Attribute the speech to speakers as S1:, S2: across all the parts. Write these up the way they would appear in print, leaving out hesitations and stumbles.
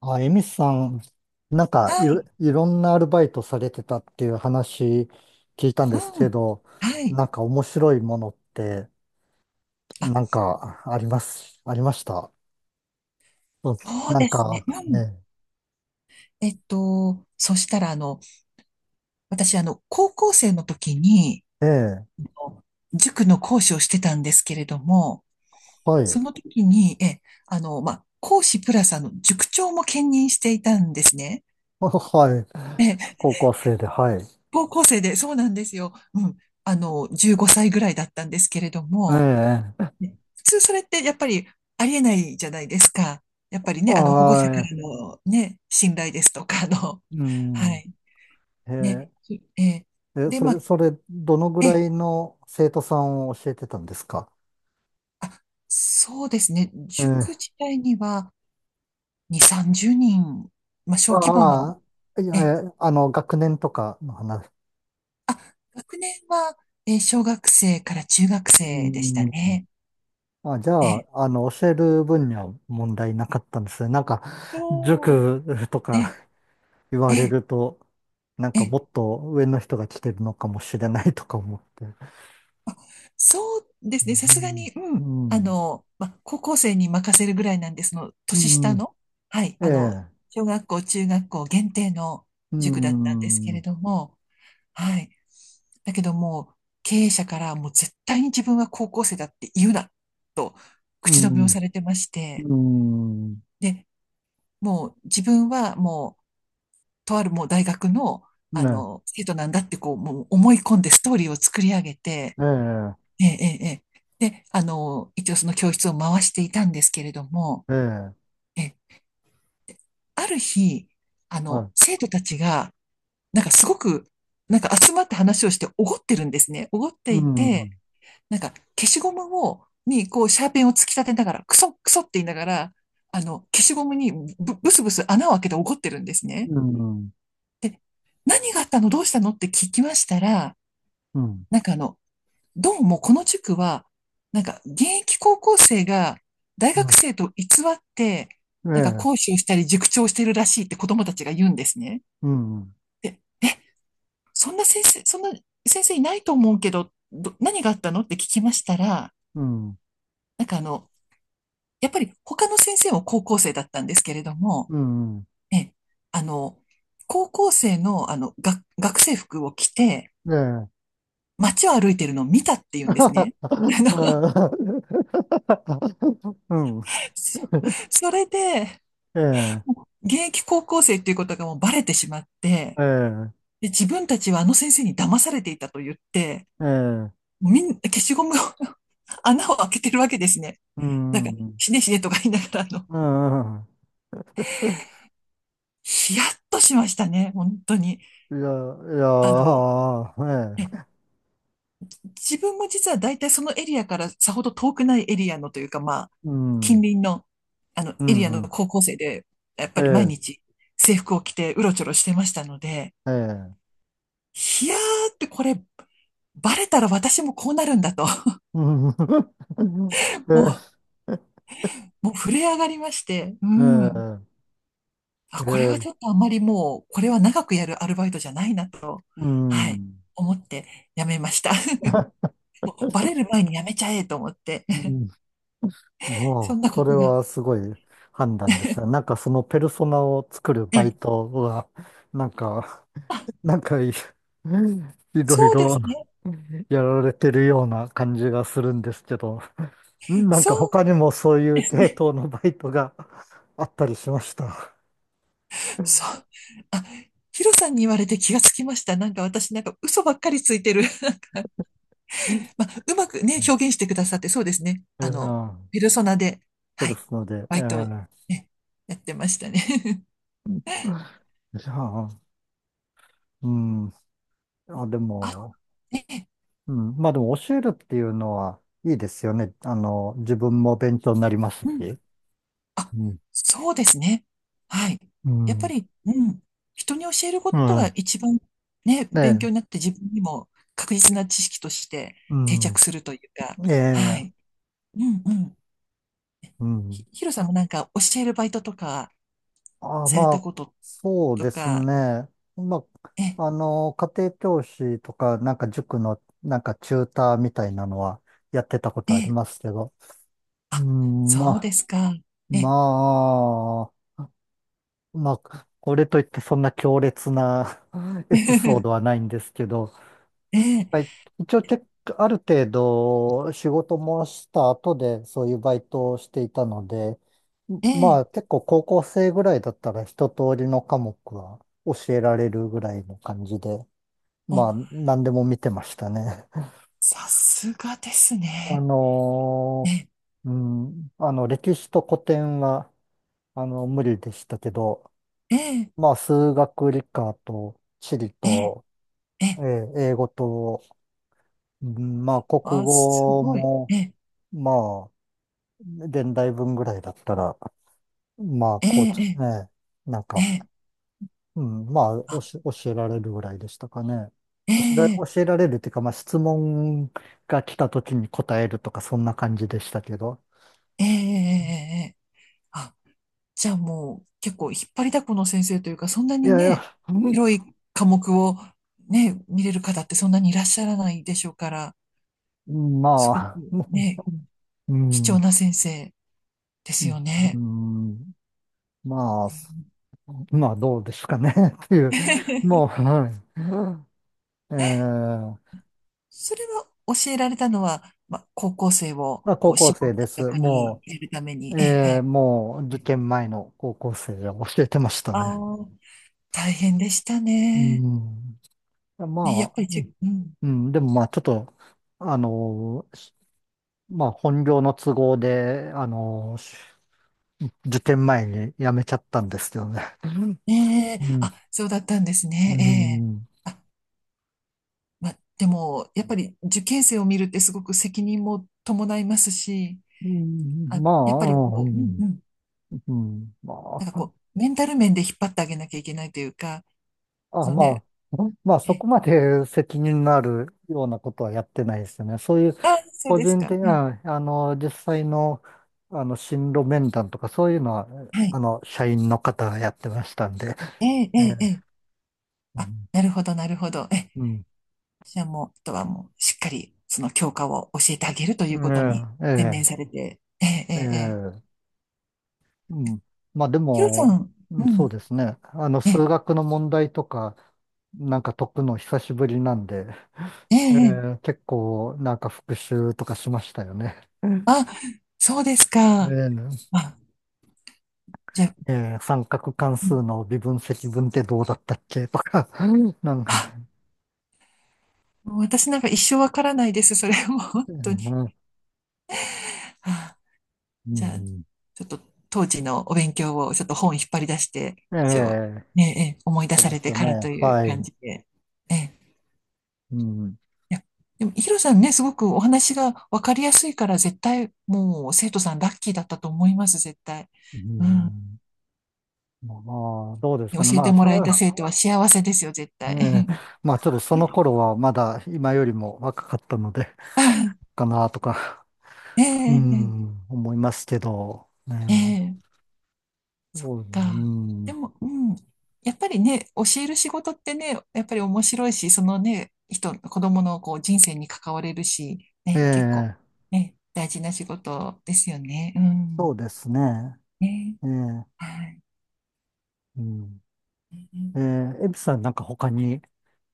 S1: あ、エミスさん、なんか
S2: はい。
S1: いろんなアルバイトされてたっていう話聞いたん
S2: う
S1: ですけ
S2: ん。
S1: ど、
S2: はい。
S1: なんか面白いものって、
S2: あ、
S1: なんかあります、ありました？そうです
S2: そう
S1: なん
S2: ですね。
S1: か
S2: うん。
S1: ね。
S2: そしたら、私、高校生の時に、
S1: ええ。
S2: あの塾の講師をしてたんですけれども、
S1: はい。
S2: その 時に、え、あの、まあ、講師プラス、塾長も兼任していたんですね。
S1: はい。
S2: え、
S1: 高校生で、はい。
S2: 高校生で、そうなんですよ。うん。15歳ぐらいだったんですけれども、
S1: ええ。
S2: ね、普通それってやっぱりありえないじゃないですか。やっぱりね、保護者か
S1: は
S2: らのね、信頼ですとか、
S1: い。う
S2: は
S1: ん。
S2: い。
S1: え
S2: ね、えー
S1: え。え、
S2: で、まあ、
S1: それ、どのぐ
S2: え
S1: ら
S2: ー、
S1: いの生徒さんを教えてたんですか？
S2: あ、そうですね。
S1: え
S2: 塾
S1: え。
S2: 自体には2、30人、まあ、小規模
S1: あ
S2: の、
S1: あ、いや、
S2: えー、
S1: えあの、学年とかの話？
S2: あ、学年は、小学生から中学
S1: う
S2: 生でした
S1: ん。
S2: ね。
S1: あ、じゃ
S2: えー、
S1: あ、教える分には問題なかったんですね。なんか、
S2: そう、
S1: 塾とか
S2: え
S1: 言
S2: ー、
S1: われ
S2: え
S1: ると、なん
S2: ー、え
S1: かも
S2: ー
S1: っと上の人が来てるのかもしれないとか思って。
S2: そうですね。さ
S1: う
S2: すがに、うん。
S1: ん。う
S2: ま、高校生に任せるぐらいなんです、その、年
S1: ん。
S2: 下
S1: うん。
S2: の、はい、
S1: ええ。
S2: 小学校、中学校限定の
S1: う
S2: 塾だったんですけれ
S1: ん。
S2: ども、はい。だけどもう、経営者からもう絶対に自分は高校生だって言うな、と
S1: う
S2: 口止めを
S1: ん。
S2: されてまして、
S1: うん。
S2: で、もう自分はもう、とあるもう大学の、
S1: ね。
S2: 生徒なんだってこう、もう思い込んでストーリーを作り上げて、
S1: ええ。
S2: ええ、ええ、ええ、で、一応その教室を回していたんですけれども、
S1: ええ。
S2: え、ある日、
S1: はい。
S2: 生徒たちが、なんかすごく、なんか集まって話をしておごってるんですね。おごって
S1: う
S2: いて、
S1: ん。
S2: なんか消しゴムを、に、こう、シャーペンを突き立てながら、クソ、クソって言いながら、消しゴムにブスブス穴を開けておごってるんですね。
S1: うん。
S2: で、何があったの、どうしたのって聞きましたら、
S1: うん。
S2: なんかどうもこの塾は、なんか現役高校生が大
S1: う
S2: 学
S1: ん。
S2: 生と偽って、
S1: え
S2: なんか
S1: え。
S2: 講師をしたり塾長をしてるらしいって子供たちが言うんですね。
S1: うん。
S2: で、そんな先生いないと思うけど、何があったのって聞きましたら、
S1: うん。
S2: なんかやっぱり他の先生も高校生だったんですけれども、
S1: うん。
S2: え、あの、高校生のが学生服を着て
S1: ええ。
S2: 街を歩いてるのを見たって言うんですね。あの、
S1: うん。
S2: そそれで、
S1: ええ、
S2: もう現役高校生っていうことがもうバレてしまって、
S1: ええ、
S2: で、自分たちはあの先生に騙されていたと言って、
S1: ええ、
S2: みんな消しゴムを 穴を開けてるわけですね。
S1: う
S2: なんか、
S1: ん、う
S2: 死ね死ねとか言いながら、
S1: ん。
S2: ヒヤッとしましたね、本当に。
S1: いや、い
S2: あの、
S1: や、
S2: え
S1: ええ、
S2: 自分も実は大体そのエリアからさほど遠くないエリアのというか、まあ、
S1: う
S2: 近
S1: ん、
S2: 隣の、
S1: う
S2: エリアの
S1: ん、
S2: 高校生で、やっ
S1: え
S2: ぱり毎
S1: え、
S2: 日制服を着てうろちょろしてましたので、
S1: ええ、
S2: いやーって、これ、バレたら私もこうなるんだと。
S1: うん、え
S2: も
S1: え、
S2: もう震え上がりまして。う
S1: え
S2: ん。
S1: え、え
S2: あ、これは
S1: え、
S2: ちょっとあんまりもう、これは長くやるアルバイトじゃないなと。
S1: う
S2: はい。
S1: ん。
S2: 思って辞めました。もうバレる前に辞めちゃえと思って。
S1: う ん、
S2: そ
S1: も
S2: ん
S1: う、
S2: なこ
S1: それ
S2: とが。
S1: はすごい判断ですね。なんかそのペルソナを作る
S2: え
S1: バイ
S2: え。
S1: トは、なんか、
S2: あ、
S1: なんかいいいろい
S2: そうで
S1: ろ
S2: すね。
S1: やられてるような感じがするんですけど、なん
S2: そ
S1: か
S2: う
S1: 他にもそうい
S2: で
S1: う
S2: す
S1: 系
S2: ね。
S1: 統のバイトが あったりしました？
S2: そう。あ、ヒロさんに言われて気がつきました。なんか私なんか嘘ばっかりついてる。まあ、うまく
S1: う
S2: ね、
S1: ん。
S2: 表現してくださって、そうですね。
S1: うん
S2: ペルソナで、
S1: そう
S2: は
S1: で
S2: い、
S1: すので、
S2: バイトをね、やってましたね。
S1: じゃあ、うん。あ、で
S2: あ、
S1: も、
S2: ね、
S1: うん。まあでも教えるっていうのはいいですよね。あの、自分も勉強になります
S2: うん。
S1: し。
S2: あ、
S1: うん。
S2: そうですね。はい。
S1: う
S2: やっぱ
S1: ん。
S2: り、うん。人に教えるこ
S1: う
S2: とが
S1: ん。
S2: 一番ね、
S1: ね
S2: 勉強
S1: え。
S2: になって自分にも確実な知識として
S1: う
S2: 定
S1: ん。
S2: 着するというか、
S1: え
S2: は
S1: え。
S2: い。うんうん。
S1: うん。
S2: ヒロさんもなんか教えるバイトとか
S1: ああ、
S2: され
S1: ま
S2: た
S1: あ、
S2: こと
S1: そう
S2: と
S1: です
S2: か、
S1: ね。ま
S2: え、
S1: あ、家庭教師とか、なんか塾の、なんかチューターみたいなのはやってたこと
S2: え
S1: あり
S2: え、
S1: ますけど。う
S2: あ、
S1: ん、ま
S2: そうで
S1: あ、
S2: すか。え、
S1: まこれといってそんな強烈な エピソード はないんですけど、
S2: ええ、
S1: はい、一応結構、ある程度仕事もした後でそういうバイトをしていたので、
S2: え
S1: ま
S2: え、
S1: あ結構高校生ぐらいだったら一通りの科目は教えられるぐらいの感じで、
S2: お、
S1: まあ何でも見てましたね。
S2: さすがです
S1: あ
S2: ね。
S1: の
S2: え、
S1: うん、歴史と古典は無理でしたけど、
S2: ええ、
S1: まあ数学理科と地理
S2: ええ、
S1: と、
S2: ええ、
S1: 英語と、うん、まあ国
S2: あ、す
S1: 語
S2: ごい。
S1: も、
S2: ええ、
S1: まあ現代文ぐらいだったら、まあ、
S2: え
S1: こう
S2: え、
S1: で
S2: え
S1: すね、なん
S2: え、え
S1: か、
S2: え、
S1: うん、まあ、
S2: あ、
S1: 教えられるぐらいでしたかね。
S2: ええ、
S1: 教えられるっていうか、まあ、質問が来た時に答えるとか、そんな感じでしたけど。
S2: ええ、ええ、ええ、あ、じゃあもう結構引っ張りだこの先生というか、そんな
S1: い
S2: に
S1: やい
S2: ね、
S1: や、
S2: 広い科目をね、見れる方ってそんなにいらっしゃらないでしょうから、
S1: うん
S2: すごく
S1: ま
S2: ね、
S1: あ、う
S2: 貴重
S1: ん、
S2: な先生ですよ
S1: う
S2: ね。
S1: ん、まあ、まあ、どうですかね っていう、も う、はい。えー
S2: それは教えられたのは、まあ、高校生を
S1: まあ、
S2: こ
S1: 高
S2: う
S1: 校
S2: 絞
S1: 生
S2: っ
S1: で
S2: た
S1: す。
S2: 役に入
S1: も
S2: れるために、
S1: う、
S2: ええ、
S1: ええ
S2: え
S1: もう受
S2: え。
S1: 験前の高校生が教えてました
S2: あ
S1: ね。
S2: あ、大変でした
S1: う
S2: ね。
S1: ん。
S2: ね、やっ
S1: まあ、
S2: ぱりうん。
S1: うん、でもまあちょっと、あのー、しまあ本業の都合で、受験前に辞めちゃったんですけどね。
S2: ねえ、
S1: うん。
S2: あ、そうだったんです
S1: うん。う
S2: ね。ええ。
S1: ん
S2: あ、まあ、でも、やっぱり受験生を見るってすごく責任も伴いますし、
S1: うん
S2: あ、
S1: ま
S2: やっぱり
S1: あ、う
S2: こう、うん
S1: ん。
S2: うん。
S1: うん
S2: な
S1: ま
S2: んか
S1: あ、
S2: こう、メンタル面で引っ張ってあげなきゃいけないというか、
S1: あ、
S2: その
S1: ま
S2: ね、
S1: まあ
S2: え
S1: そこ
S2: え、
S1: まで責任のあるようなことはやってないですよね。そういう
S2: あ、そう
S1: 個
S2: です
S1: 人
S2: か。
S1: 的
S2: ええ、
S1: な、実際の、進路面談とか、そういうのは、
S2: はい。
S1: 社員の方がやってましたんで、
S2: ええ、え
S1: え
S2: え、え
S1: え、
S2: え。
S1: う
S2: あ、
S1: ん、
S2: なるほど、なるほど。ええ、
S1: うん
S2: じゃあもう、あとはもう、しっかり、その教科を教えてあげるということに
S1: え
S2: 専
S1: え、
S2: 念されて、ええ、え
S1: ええ、
S2: え、ええ、
S1: ええうん。まあで
S2: ヒロさ
S1: も、
S2: ん、
S1: う
S2: う
S1: んそう
S2: ん、
S1: ですね。
S2: え
S1: 数
S2: え、
S1: 学の問題とか、なんか解くの久しぶりなんで、
S2: え
S1: え
S2: え、え
S1: え、
S2: え、
S1: 結構、なんか復習とかしましたよね。うん
S2: あ、そうですか。
S1: え
S2: あ、じゃあ、
S1: え、ええ三角関
S2: う
S1: 数
S2: ん、
S1: の微分積分ってどうだったっけとか、なんか、
S2: あ、もう私なんか一生わからないです。それも本当に。
S1: ええ
S2: あ、
S1: う
S2: じゃあ、
S1: ん。
S2: ちょっと当時のお勉強をちょっと本引っ張り出して、
S1: え
S2: 一応、
S1: え、
S2: ええ、ええ、思い出
S1: そう
S2: さ
S1: で
S2: れ
S1: す
S2: て
S1: よ
S2: からと
S1: ね。
S2: いう
S1: は
S2: 感
S1: い。
S2: じで。ええ、
S1: うん。
S2: いや、でも、ヒロさんね、すごくお話が分かりやすいから、絶対、もう、生徒さんラッキーだったと思います、絶対。
S1: う
S2: うん。
S1: ん。まあ、どうです
S2: 教
S1: かね。
S2: え
S1: ま
S2: て
S1: あ、
S2: もらえた生徒は幸せですよ、絶
S1: え
S2: 対。
S1: え、まあ、ちょっとその 頃はまだ今よりも若かったので、かなとか、
S2: え
S1: う
S2: え、え
S1: ん、思いますけど、
S2: え、
S1: ね
S2: ええ、
S1: え、
S2: そっ
S1: そう、う
S2: か。で
S1: ん。
S2: も、うん。やっぱりね、教える仕事ってね、やっぱり面白いし、そのね、子供のこう人生に関われるし、
S1: え
S2: ね、結構、
S1: え、
S2: ね、大事な仕事ですよね。う
S1: そ
S2: ん。
S1: うですね。
S2: ね、
S1: ええ、
S2: はい。
S1: うん。ええ、エビさんなんか他に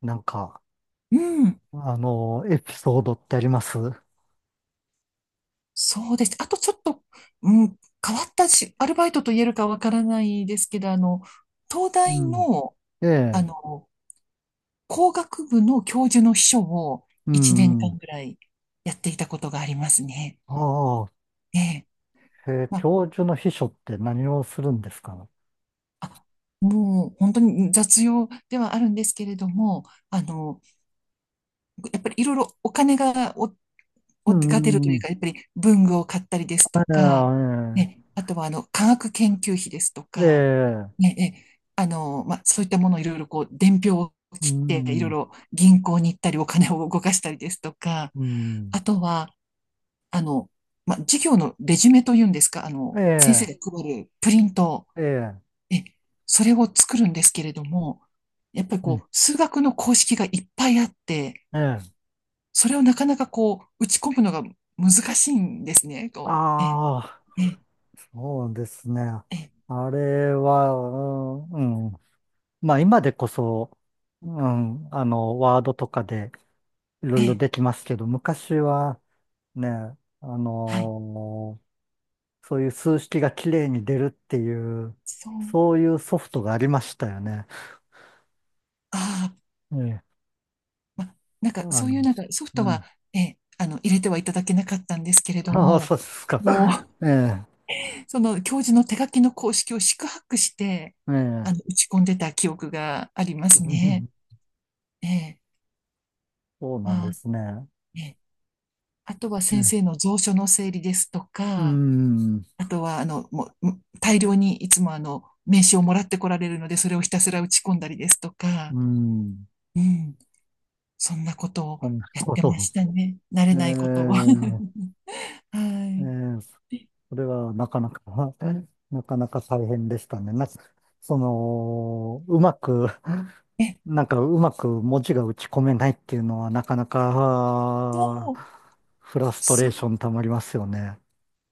S1: なんか、
S2: うん。
S1: エピソードってあります？
S2: そうです。あとちょっと、うん、変わったし、アルバイトと言えるかわからないですけど、東
S1: う
S2: 大
S1: ん。
S2: の、
S1: え
S2: あ
S1: え、
S2: の、工学部の教授の秘書を
S1: う
S2: 1年
S1: ん。
S2: 間ぐらいやっていたことがありますね。
S1: ああ。
S2: ええ。
S1: へえ、
S2: まあ、
S1: 教授の秘書って何をするんですか？
S2: あ、もう本当に雑用ではあるんですけれども、あの、やっぱりいろいろお金がお
S1: う
S2: をが出るという
S1: ん。
S2: か、やっぱり文具を買ったりですとか、
S1: え
S2: ね、あとはあの科学研究費ですとか、
S1: えええ
S2: ね、えあの、まあ、そういったものをいろいろこう、伝票を
S1: う
S2: 切って、いろい
S1: ん、
S2: ろ銀行に行ったり、お金を動かしたりですとか、
S1: うん、
S2: あとは、あの、まあ、授業のレジュメというんですか、先生
S1: え
S2: が
S1: え
S2: 配るプリント、
S1: ええ
S2: え、それを作るんですけれども、やっぱり
S1: う
S2: こ
S1: ん、
S2: う、数学の公式がいっぱいあって、
S1: ええ
S2: それをなかなかこう、打ち込むのが難しいんですね。こう、ええ、
S1: ああ、
S2: ええ、
S1: そうですね。
S2: ええ、
S1: あれは、うん、うんまあ今でこそ、うん、ワードとかでいろいろ
S2: ええ、
S1: できますけど、昔はね、あ
S2: はい。
S1: のそういう数式がきれいに出るっていう、
S2: そう、
S1: そういうソフトがありましたよね。
S2: ああ、
S1: ええ、
S2: ま、なんか
S1: あ
S2: そういう
S1: の、
S2: なんかソフ
S1: う
S2: トは、
S1: ん。
S2: ええ、入れてはいただけなかったんですけれ ど
S1: ああ、
S2: も、
S1: そうですか。
S2: もう、
S1: ええ、
S2: その教授の手書きの公式を四苦八苦して、
S1: ええ。
S2: 打ち込んでた記憶がありますね。ええ、
S1: そうなん
S2: あ
S1: で
S2: あ、
S1: すね。
S2: ええ。あとは
S1: え
S2: 先
S1: え、
S2: 生の蔵書の整理ですと
S1: うー
S2: か、
S1: ん、う
S2: あとは、もう、大量にいつも名刺をもらってこられるので、それをひたすら打ち込んだりですとか、
S1: ーん。
S2: うん、そんなことを
S1: そんな
S2: やっ
S1: こ
S2: て
S1: と。
S2: ましたね。慣れ
S1: ええ、
S2: ないことを。は
S1: ええ
S2: い。
S1: それはなかなか なかなか大変でしたね。なんか、その、うまく、
S2: えっ
S1: なんかうまく文字が打ち込めないっていうのはなかなか、あ
S2: と、
S1: ーフラストレ
S2: そ
S1: ー
S2: う、
S1: ションたまりますよね。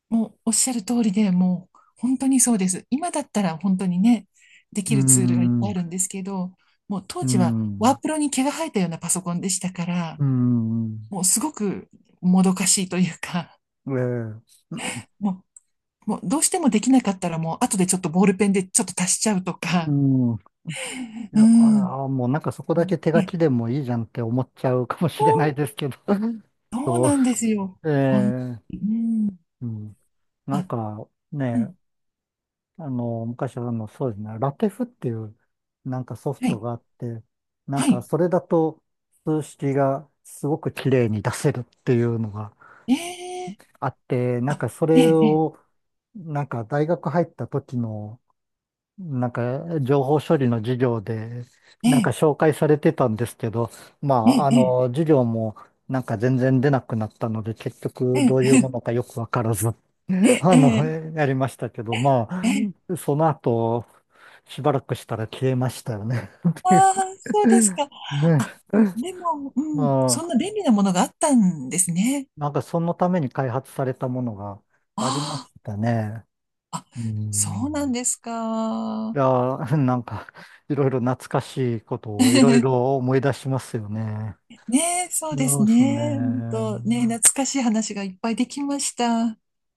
S2: もうおっしゃる通りで、もう本当にそうです。今だったら本当にね、で
S1: う
S2: き
S1: ー
S2: るツールがいっ
S1: ん、
S2: ぱいあ
S1: う
S2: るんですけど、もう当
S1: ー
S2: 時はワ
S1: ん、
S2: ープロに毛が生えたようなパソコンでしたから、
S1: うーん、
S2: もうすごくもどかしいというか、
S1: ええ、う
S2: もうもうどうしてもできなかったらもう後でちょっとボールペンでちょっと足しちゃうとか。
S1: ん。い
S2: う
S1: や、
S2: ん。
S1: もうなんかそこだけ手
S2: え、
S1: 書きでもいいじゃんって思っちゃうかもしれない
S2: そ
S1: ですけど。
S2: う、 そう
S1: そう、
S2: なんですよ。
S1: ええ、
S2: うん。
S1: うん。なん
S2: あ、
S1: か
S2: う
S1: ね、
S2: ん。
S1: 昔はそうですね、ラテフっていうなんかソフ
S2: はい。
S1: トがあって、なん
S2: は
S1: か
S2: い。
S1: それだと数式がすごく綺麗に出せるっていうのが
S2: ええ
S1: あって、なんかそ
S2: え
S1: れ
S2: ええ
S1: をなんか大学入った時のなんか情報処理の授業で
S2: え
S1: なんか紹介されてたんですけど、ま
S2: え
S1: あ
S2: えええ
S1: 授業もなんか全然出なくなったので結局どういう
S2: え
S1: ものかよくわからずあの、
S2: ええ
S1: やりましたけど、ま
S2: ええ
S1: あ、その後、しばらくしたら消えましたよね。ってい
S2: ああ、そうです
S1: う
S2: か。
S1: ね。
S2: あ、でも、
S1: ま
S2: うん。
S1: あ、
S2: そんな便利なものがあったんですね。
S1: なんかそのために開発されたものがありま
S2: あ
S1: したね。
S2: あ、あ、
S1: う
S2: そうなん
S1: ん。
S2: です
S1: い
S2: か。
S1: やー、なんか、いろいろ懐かしいことをいろい ろ思い出しますよね。
S2: ねえ、そうです
S1: そうです
S2: ね。
S1: ね。
S2: ね、懐かしい話がいっぱいできました。